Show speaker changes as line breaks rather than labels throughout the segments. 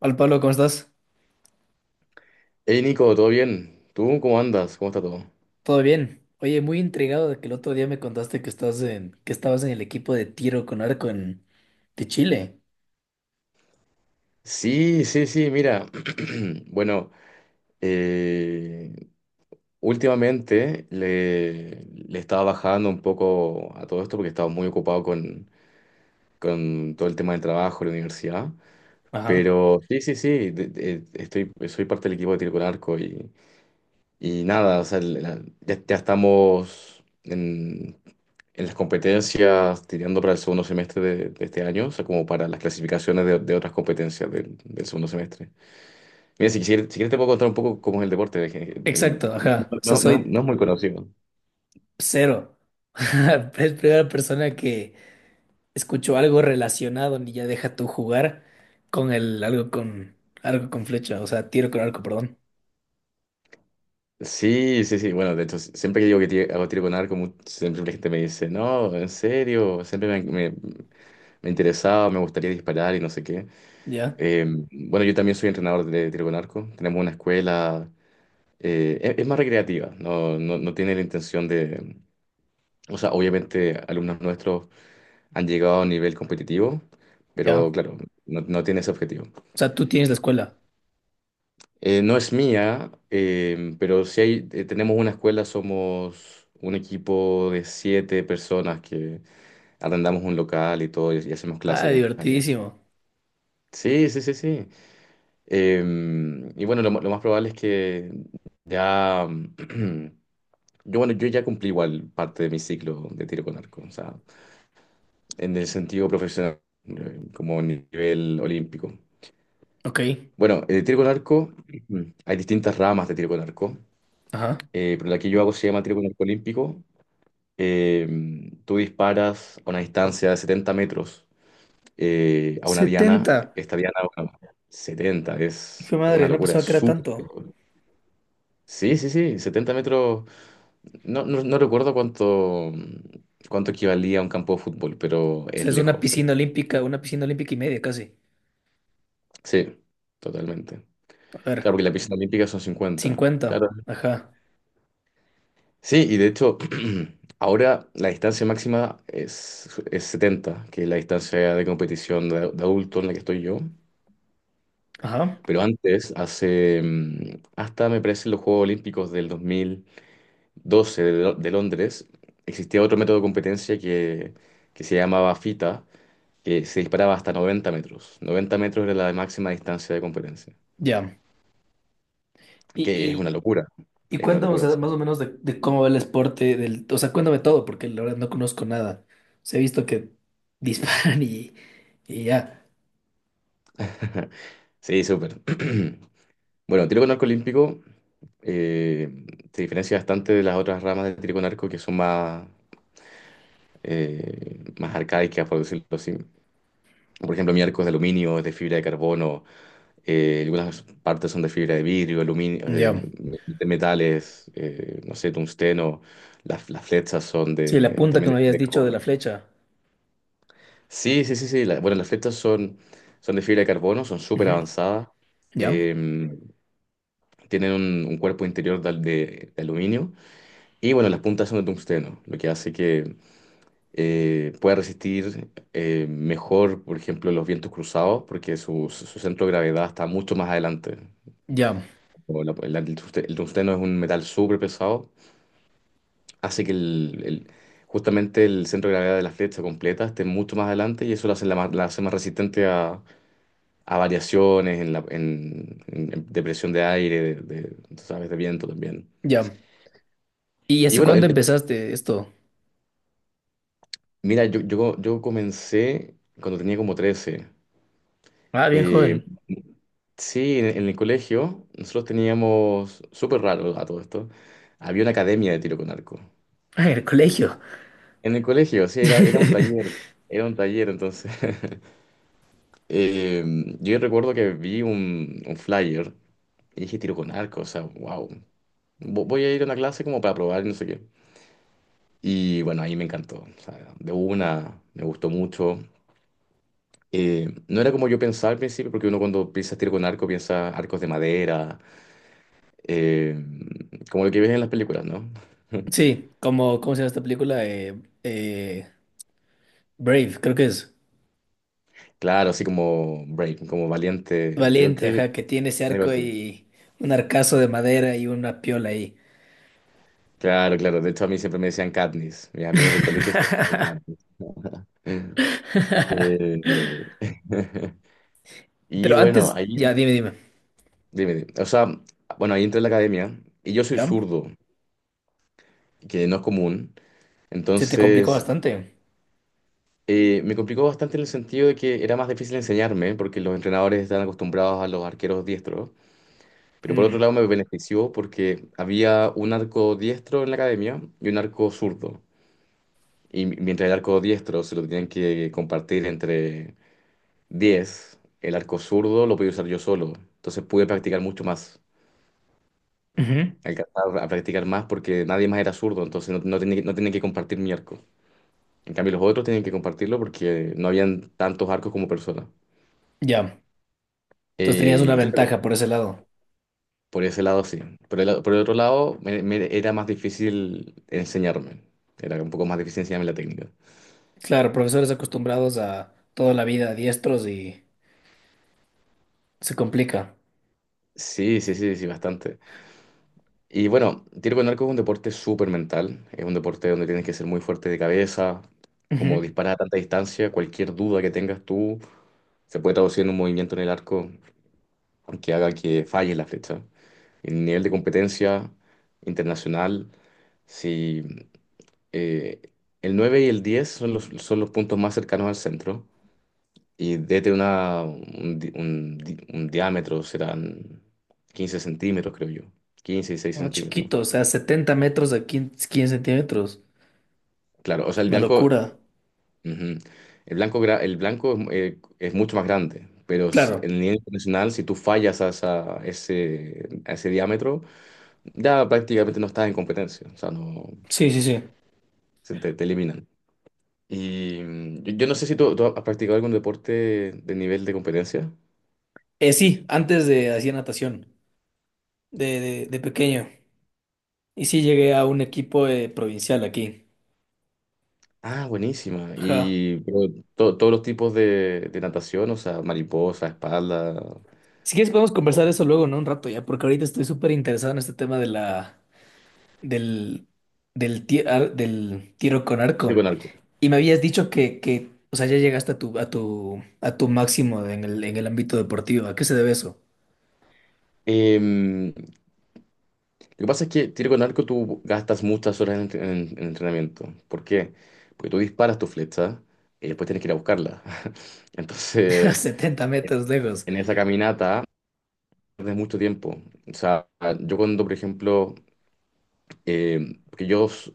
Al Pablo, ¿cómo estás?
Hey Nico, ¿todo bien? ¿Tú cómo andas? ¿Cómo está todo?
¿Todo bien? Oye, muy intrigado de que el otro día me contaste que estás en, que estabas en el equipo de tiro con arco en, de Chile.
Sí, sí, sí, mira. Bueno, eh, últimamente le estaba bajando un poco a todo esto porque estaba muy ocupado con todo el tema del trabajo, la universidad.
Ajá.
Pero sí, sí, sí, estoy, soy parte del equipo de tiro con arco y nada, o sea, ya estamos en las competencias tirando para el segundo semestre de este año, o sea, como para las clasificaciones de otras competencias del segundo semestre. Mira, si quisieras, si quieres te puedo contar un poco cómo es el deporte. de que- en-
Exacto, ajá. O sea,
no, no, no
soy
no es muy conocido.
cero. Es primera persona que escucho algo relacionado, ni ya deja tú jugar con el algo con flecha, o sea, tiro con arco, perdón.
Sí, sí, sí. Bueno, de hecho, si, siempre que digo que hago tiro con arco, siempre la gente me dice, no, en serio, siempre me, me interesaba, me gustaría disparar y no sé qué.
Ya,
Eh, bueno, yo también soy entrenador de tiro con arco. Tenemos una escuela es más recreativa, no tiene la intención de... O sea, obviamente alumnos nuestros han llegado a un nivel competitivo, pero
ya.
claro, no tiene ese objetivo.
O sea, tú tienes la escuela.
No es mía, pero si hay, tenemos una escuela, somos un equipo de siete personas que arrendamos un local y todo y hacemos
Ah,
clases allá.
divertidísimo.
Sí, sí, sí, sí. Y bueno, lo más probable es que ya. Yo ya cumplí igual parte de mi ciclo de tiro con arco, o sea, en el sentido profesional, como nivel olímpico.
Ok.
Bueno, el tiro con arco, ujú, hay distintas ramas de tiro con arco,
Ajá.
pero la que yo hago se llama tiro con arco olímpico. Tú disparas a una distancia de 70 metros, a una diana.
70.
Esta diana, bueno, 70, es
Hijo de madre,
una
no
locura, es
pensaba que era
súper
tanto.
lejos. Sí, sí, sí, 70 metros. No recuerdo cuánto, cuánto equivalía a un campo de fútbol, pero
O sea,
es
es
lejos.
una piscina olímpica y media casi.
Sí, totalmente.
A
Claro,
ver,
porque la pista olímpica son 50.
50.
Claro.
Ajá,
Sí, y de hecho, ahora la distancia máxima es 70, que es la distancia de competición de adulto en la que estoy yo.
ajá,
Pero antes, hace, hasta me parece los Juegos Olímpicos del 2012, de Londres, existía otro método de competencia que se llamaba FITA, que se disparaba hasta 90 metros. 90 metros era la máxima distancia de competencia,
ya.
que es una
Y,
locura,
y, y cuéntame, o
o
sea,
sea.
más o menos de cómo va el esporte del... O sea, cuéntame todo, porque la verdad no conozco nada. Se he visto que disparan y, ya.
Sí, súper. Bueno, tiro con arco olímpico eh, se diferencia bastante de las otras ramas de tiro con arco, que son más, más arcaicas, por decirlo así. Por ejemplo, mi arco es de aluminio, es de fibra de carbono, algunas partes son de fibra de vidrio, aluminio,
Ya.
de metales, no sé, tungsteno, las flechas son
Sí, la
de,
punta que
también
me
de fibra
habías
de
dicho de la
carbono.
flecha.
Sí, sí, sí, sí. Bueno, las flechas son, son de fibra de carbono, son súper
Ujú.
avanzadas.
Ya,
eh, tienen un cuerpo interior de, de aluminio. Y bueno, las puntas son de tungsteno, lo que hace que pueda resistir mejor, por ejemplo, los vientos cruzados, porque su centro de gravedad está mucho más adelante.
ya,
O el tungsteno es un metal súper pesado, hace que justamente el centro de gravedad de la flecha completa esté mucho más adelante, y eso la hace más resistente a variaciones en, la, de presión de aire, de, tú sabes, de viento también.
ya. ¿Y
Y
hace
bueno,
cuándo empezaste esto?
mira, yo comencé cuando tenía como 13.
Ah, bien
Eh,
joven.
sí, en el colegio nosotros teníamos, súper raro a todo esto, había una academia de tiro con arco.
Ah, en el colegio.
En el colegio, sí, era un taller, entonces. Eh, yo recuerdo que vi un flyer y dije tiro con arco, o sea, wow, voy a ir a una clase como para probar y no sé qué. Y bueno, ahí me encantó. O sea, de una, me gustó mucho. No era como yo pensaba al principio, porque uno cuando piensa tiro con arco piensa arcos de madera, eh, como lo que ves en las películas, ¿no?
Sí, como, ¿cómo se llama esta película? Eh, Brave, creo que es.
Claro, así como Brave, como valiente, creo
Valiente,
que
ajá, que tiene ese
algo
arco
así.
y un arcazo de madera y una piola ahí.
Claro, claro. De hecho, a mí siempre me decían Katniss. Mis amigos del colegio se llamaban Katniss. Eh, y
Pero
bueno,
antes,
ahí,
ya, dime.
dime, dime. O sea, bueno, ahí entré a la academia y yo soy
¿Ya?
zurdo, que no es común.
Se te complicó
Entonces,
bastante.
me complicó bastante en el sentido de que era más difícil enseñarme, porque los entrenadores están acostumbrados a los arqueros diestros. Pero por otro
Mm,
lado me benefició porque había un arco diestro en la academia y un arco zurdo. Y mientras el arco diestro se lo tenían que compartir entre 10, el arco zurdo lo podía usar yo solo. Entonces pude practicar mucho más,
ujú,
alcanzar a practicar más porque nadie más era zurdo, entonces no tenía, no tenía que compartir mi arco. En cambio los otros tenían que compartirlo porque no habían tantos arcos como personas.
ya. Entonces tenías una
Y claro,
ventaja por ese lado.
por ese lado sí. Por el otro lado, me era más difícil enseñarme. Era un poco más difícil enseñarme la técnica.
Claro, profesores acostumbrados a toda la vida diestros y se complica.
Sí, sí, sí, sí, bastante. Y bueno, tiro con arco es un deporte súper mental. Es un deporte donde tienes que ser muy fuerte de cabeza, como
Ujú.
disparar a tanta distancia. Cualquier duda que tengas tú se puede traducir en un movimiento en el arco que haga que falle la flecha. El nivel de competencia internacional, sí. Eh, el 9 y el 10 son son los puntos más cercanos al centro, y desde una, un, di- un di- un diámetro serán 15 centímetros, creo yo. 15 y 6
Ah,
centímetros.
chiquito, o sea, 70 metros a 15 centímetros.
Claro, o sea, el
Una
blanco,
locura.
ujú, el blanco es mucho más grande, pero
Claro.
en nivel internacional, si tú fallas a, a ese diámetro, ya prácticamente no estás en competencia, o sea, no,
Sí, sí, sí.
se te eliminan. Y yo no sé si tú has practicado algún deporte de nivel de competencia.
Sí, antes de hacía natación, de pequeño. Y sí llegué a un equipo provincial aquí.
Ah, buenísima.
Ajá.
Y pero, todos los tipos de natación, o sea, mariposa, espalda,
Si quieres podemos
o
conversar eso luego, ¿no? Un rato ya, porque ahorita estoy súper interesado en este tema de la, del, del tiro con
tiro
arco.
con arco.
Y me habías dicho o sea, ya llegaste a tu, a tu máximo en el ámbito deportivo. ¿A qué se debe eso?
Lo que pasa es que tiro con arco tú gastas muchas horas en, en entrenamiento. ¿Por qué? Porque tú disparas tu flecha y después tienes que ir a buscarla.
A
Entonces,
70 metros lejos.
en esa caminata pierdes mucho tiempo. O sea, yo cuando, por ejemplo, porque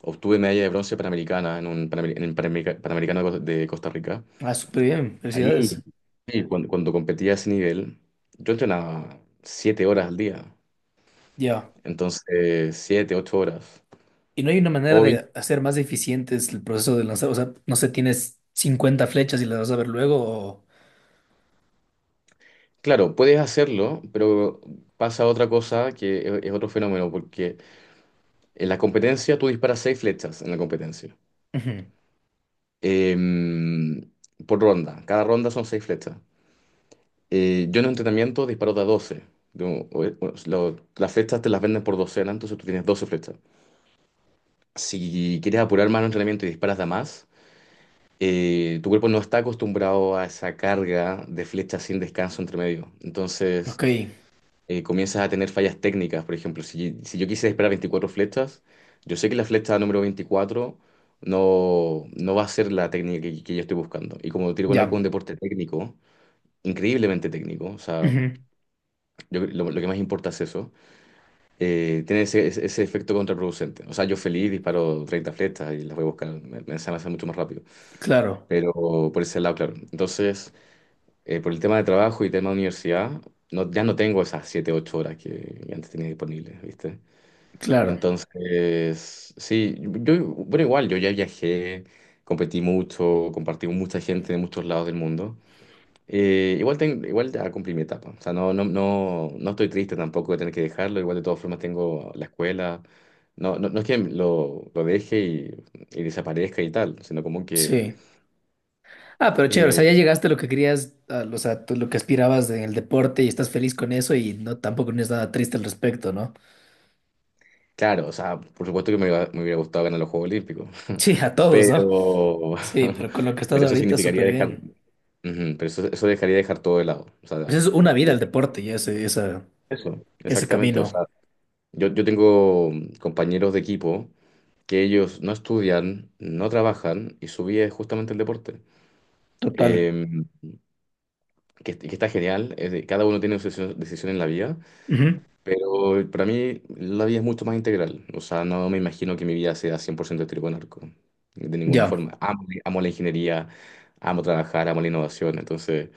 obtuve medalla de bronce panamericana en un en el Panamericano de Costa Rica.
Ah, súper bien.
Ahí,
Felicidades.
sí, cuando, cuando competía a ese nivel, yo entrenaba 7 horas al día,
Ya.
entonces 7, 8 horas.
¿Y no hay una manera
Hoy,
de hacer más eficiente el proceso de lanzar? O sea, no sé, tienes 50 flechas y las vas a ver luego o...
claro, puedes hacerlo, pero pasa otra cosa que es otro fenómeno, porque en la competencia tú disparas seis flechas en la competencia,
Ujú.
Em, por ronda. Cada ronda son seis flechas. Yo en un entrenamiento disparo de a 12. Las flechas te las venden por docena, entonces tú tienes 12 flechas. Si quieres apurar más el entrenamiento y disparas de a más, tu cuerpo no está acostumbrado a esa carga de flechas sin descanso entre medio. Entonces,
Ok.
comienzas a tener fallas técnicas. Por ejemplo, si yo quise esperar 24 flechas, yo sé que la flecha número 24 no va a ser la técnica que yo estoy buscando. Y como tiro con arco
Ya.
es un deporte técnico, increíblemente técnico, o sea,
Ujú.
lo que más importa es eso, tiene ese, ese efecto contraproducente. O sea, yo feliz disparo 30 flechas y las voy a buscar, me se me hace mucho más rápido.
Claro,
Pero por ese lado, claro. Entonces... por el tema de trabajo y tema de universidad, no, ya no tengo esas 7 8 horas que antes tenía disponibles, ¿viste?
claro.
Entonces, sí, yo, bueno, igual, yo ya viajé, competí mucho, compartí con mucha gente de muchos lados del mundo. Igual, igual ya cumplí mi etapa, o sea, no estoy triste tampoco de tener que dejarlo, igual de todas formas tengo la escuela, no es que lo deje y desaparezca y tal, sino como que...
Sí. Ah, pero chévere, o sea,
eh,
ya llegaste a lo que querías, a, o sea, tú lo que aspirabas en el deporte y estás feliz con eso y no tampoco no es nada triste al respecto, ¿no?
Claro, o sea, por supuesto que me hubiera gustado ganar los Juegos Olímpicos.
Sí, a todos, ¿no?
Pero,
Sí, pero con lo que estás
pero eso
ahorita
significaría
súper
dejar,
bien.
ujú, pero eso, dejaría dejar todo de lado, o sea,
Pues es una vida
de-
el deporte y ese, esa,
eso,
ese
exactamente, o sea,
camino
yo tengo compañeros de equipo que ellos no estudian, no trabajan y su vida es justamente el deporte,
total.
eh, que está genial, cada uno tiene su decisión en la vida,
Ujú.
pero para mí la vida es mucho más integral. O sea, no me imagino que mi vida sea 100% trigo en arco. De ninguna
Ya.
forma. Amo la ingeniería, amo trabajar, amo la innovación. Entonces,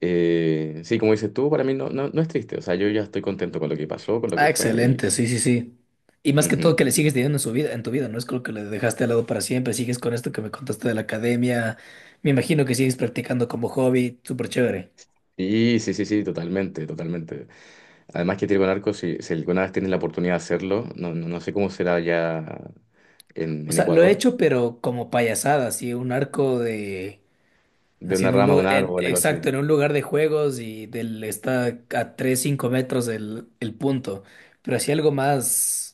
sí, como dices tú, para mí no es triste. O sea, yo ya estoy contento con lo que pasó, con lo que
Ah,
fue. Y,
excelente, sí, sí, sí. Y más que todo
ujú.
que le sigues teniendo en su vida, en tu vida, no es como que le dejaste al lado para siempre, sigues con esto que me contaste de la academia, me imagino que sigues practicando como hobby, súper chévere.
Y sí, sí, sí, totalmente, totalmente. Además que trigo en arco, si alguna vez tienes la oportunidad de hacerlo, no sé cómo será ya
O
en
sea, lo he
Ecuador,
hecho, pero como payasada, así, un arco de,
de
así
una
en un
rama, de
lugar,
un
en-
árbol, algo así.
exacto, en un lugar de juegos y del, está a 3, 5 metros del el punto, pero así algo más.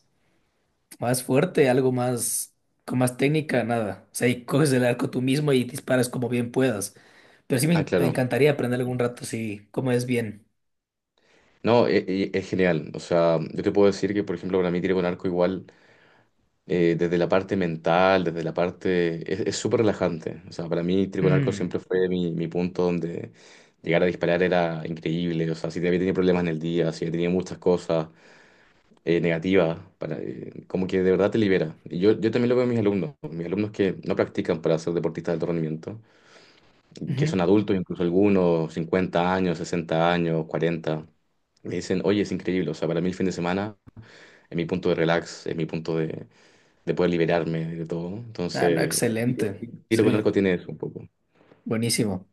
Más fuerte, algo más, con más técnica, nada. O sea, y coges el arco tú mismo y disparas como bien puedas. Pero sí me,
Ah,
en- me
claro.
encantaría aprender algún rato así, cómo es bien.
No, es, genial. O sea, yo te puedo decir que, por ejemplo, para mí tiro con arco igual, desde la parte mental, desde la parte... Es súper relajante. O sea, para mí tiro con arco
Mm,
siempre fue mi punto donde llegar a disparar era increíble. O sea, si había tenido problemas en el día, si había tenido muchas cosas negativas, para, como que de verdad te libera. Y yo también lo veo en mis alumnos. Mis alumnos que no practican para ser deportistas de alto rendimiento, que
ujú.
son adultos, incluso algunos, 50 años, 60 años, 40, me dicen, oye, es increíble, o sea, para mí el fin de semana es mi punto de relax, es mi punto de poder liberarme de todo.
Ah, no,
Entonces,
excelente.
tiro con
Sí,
arco tiene eso un poco.
buenísimo.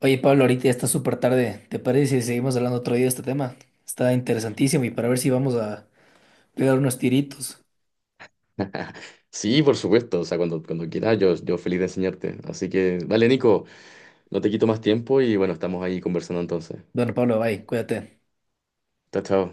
Oye, Pablo, ahorita ya está súper tarde. ¿Te parece si seguimos hablando otro día de este tema? Está interesantísimo y para ver si vamos a pegar unos tiritos.
Sí, por supuesto, o sea, cuando quieras, yo feliz de enseñarte. Así que, vale, Nico, no te quito más tiempo y bueno, estamos ahí conversando entonces.
Bueno, Pablo, bye, cuídate.
Chao, chao.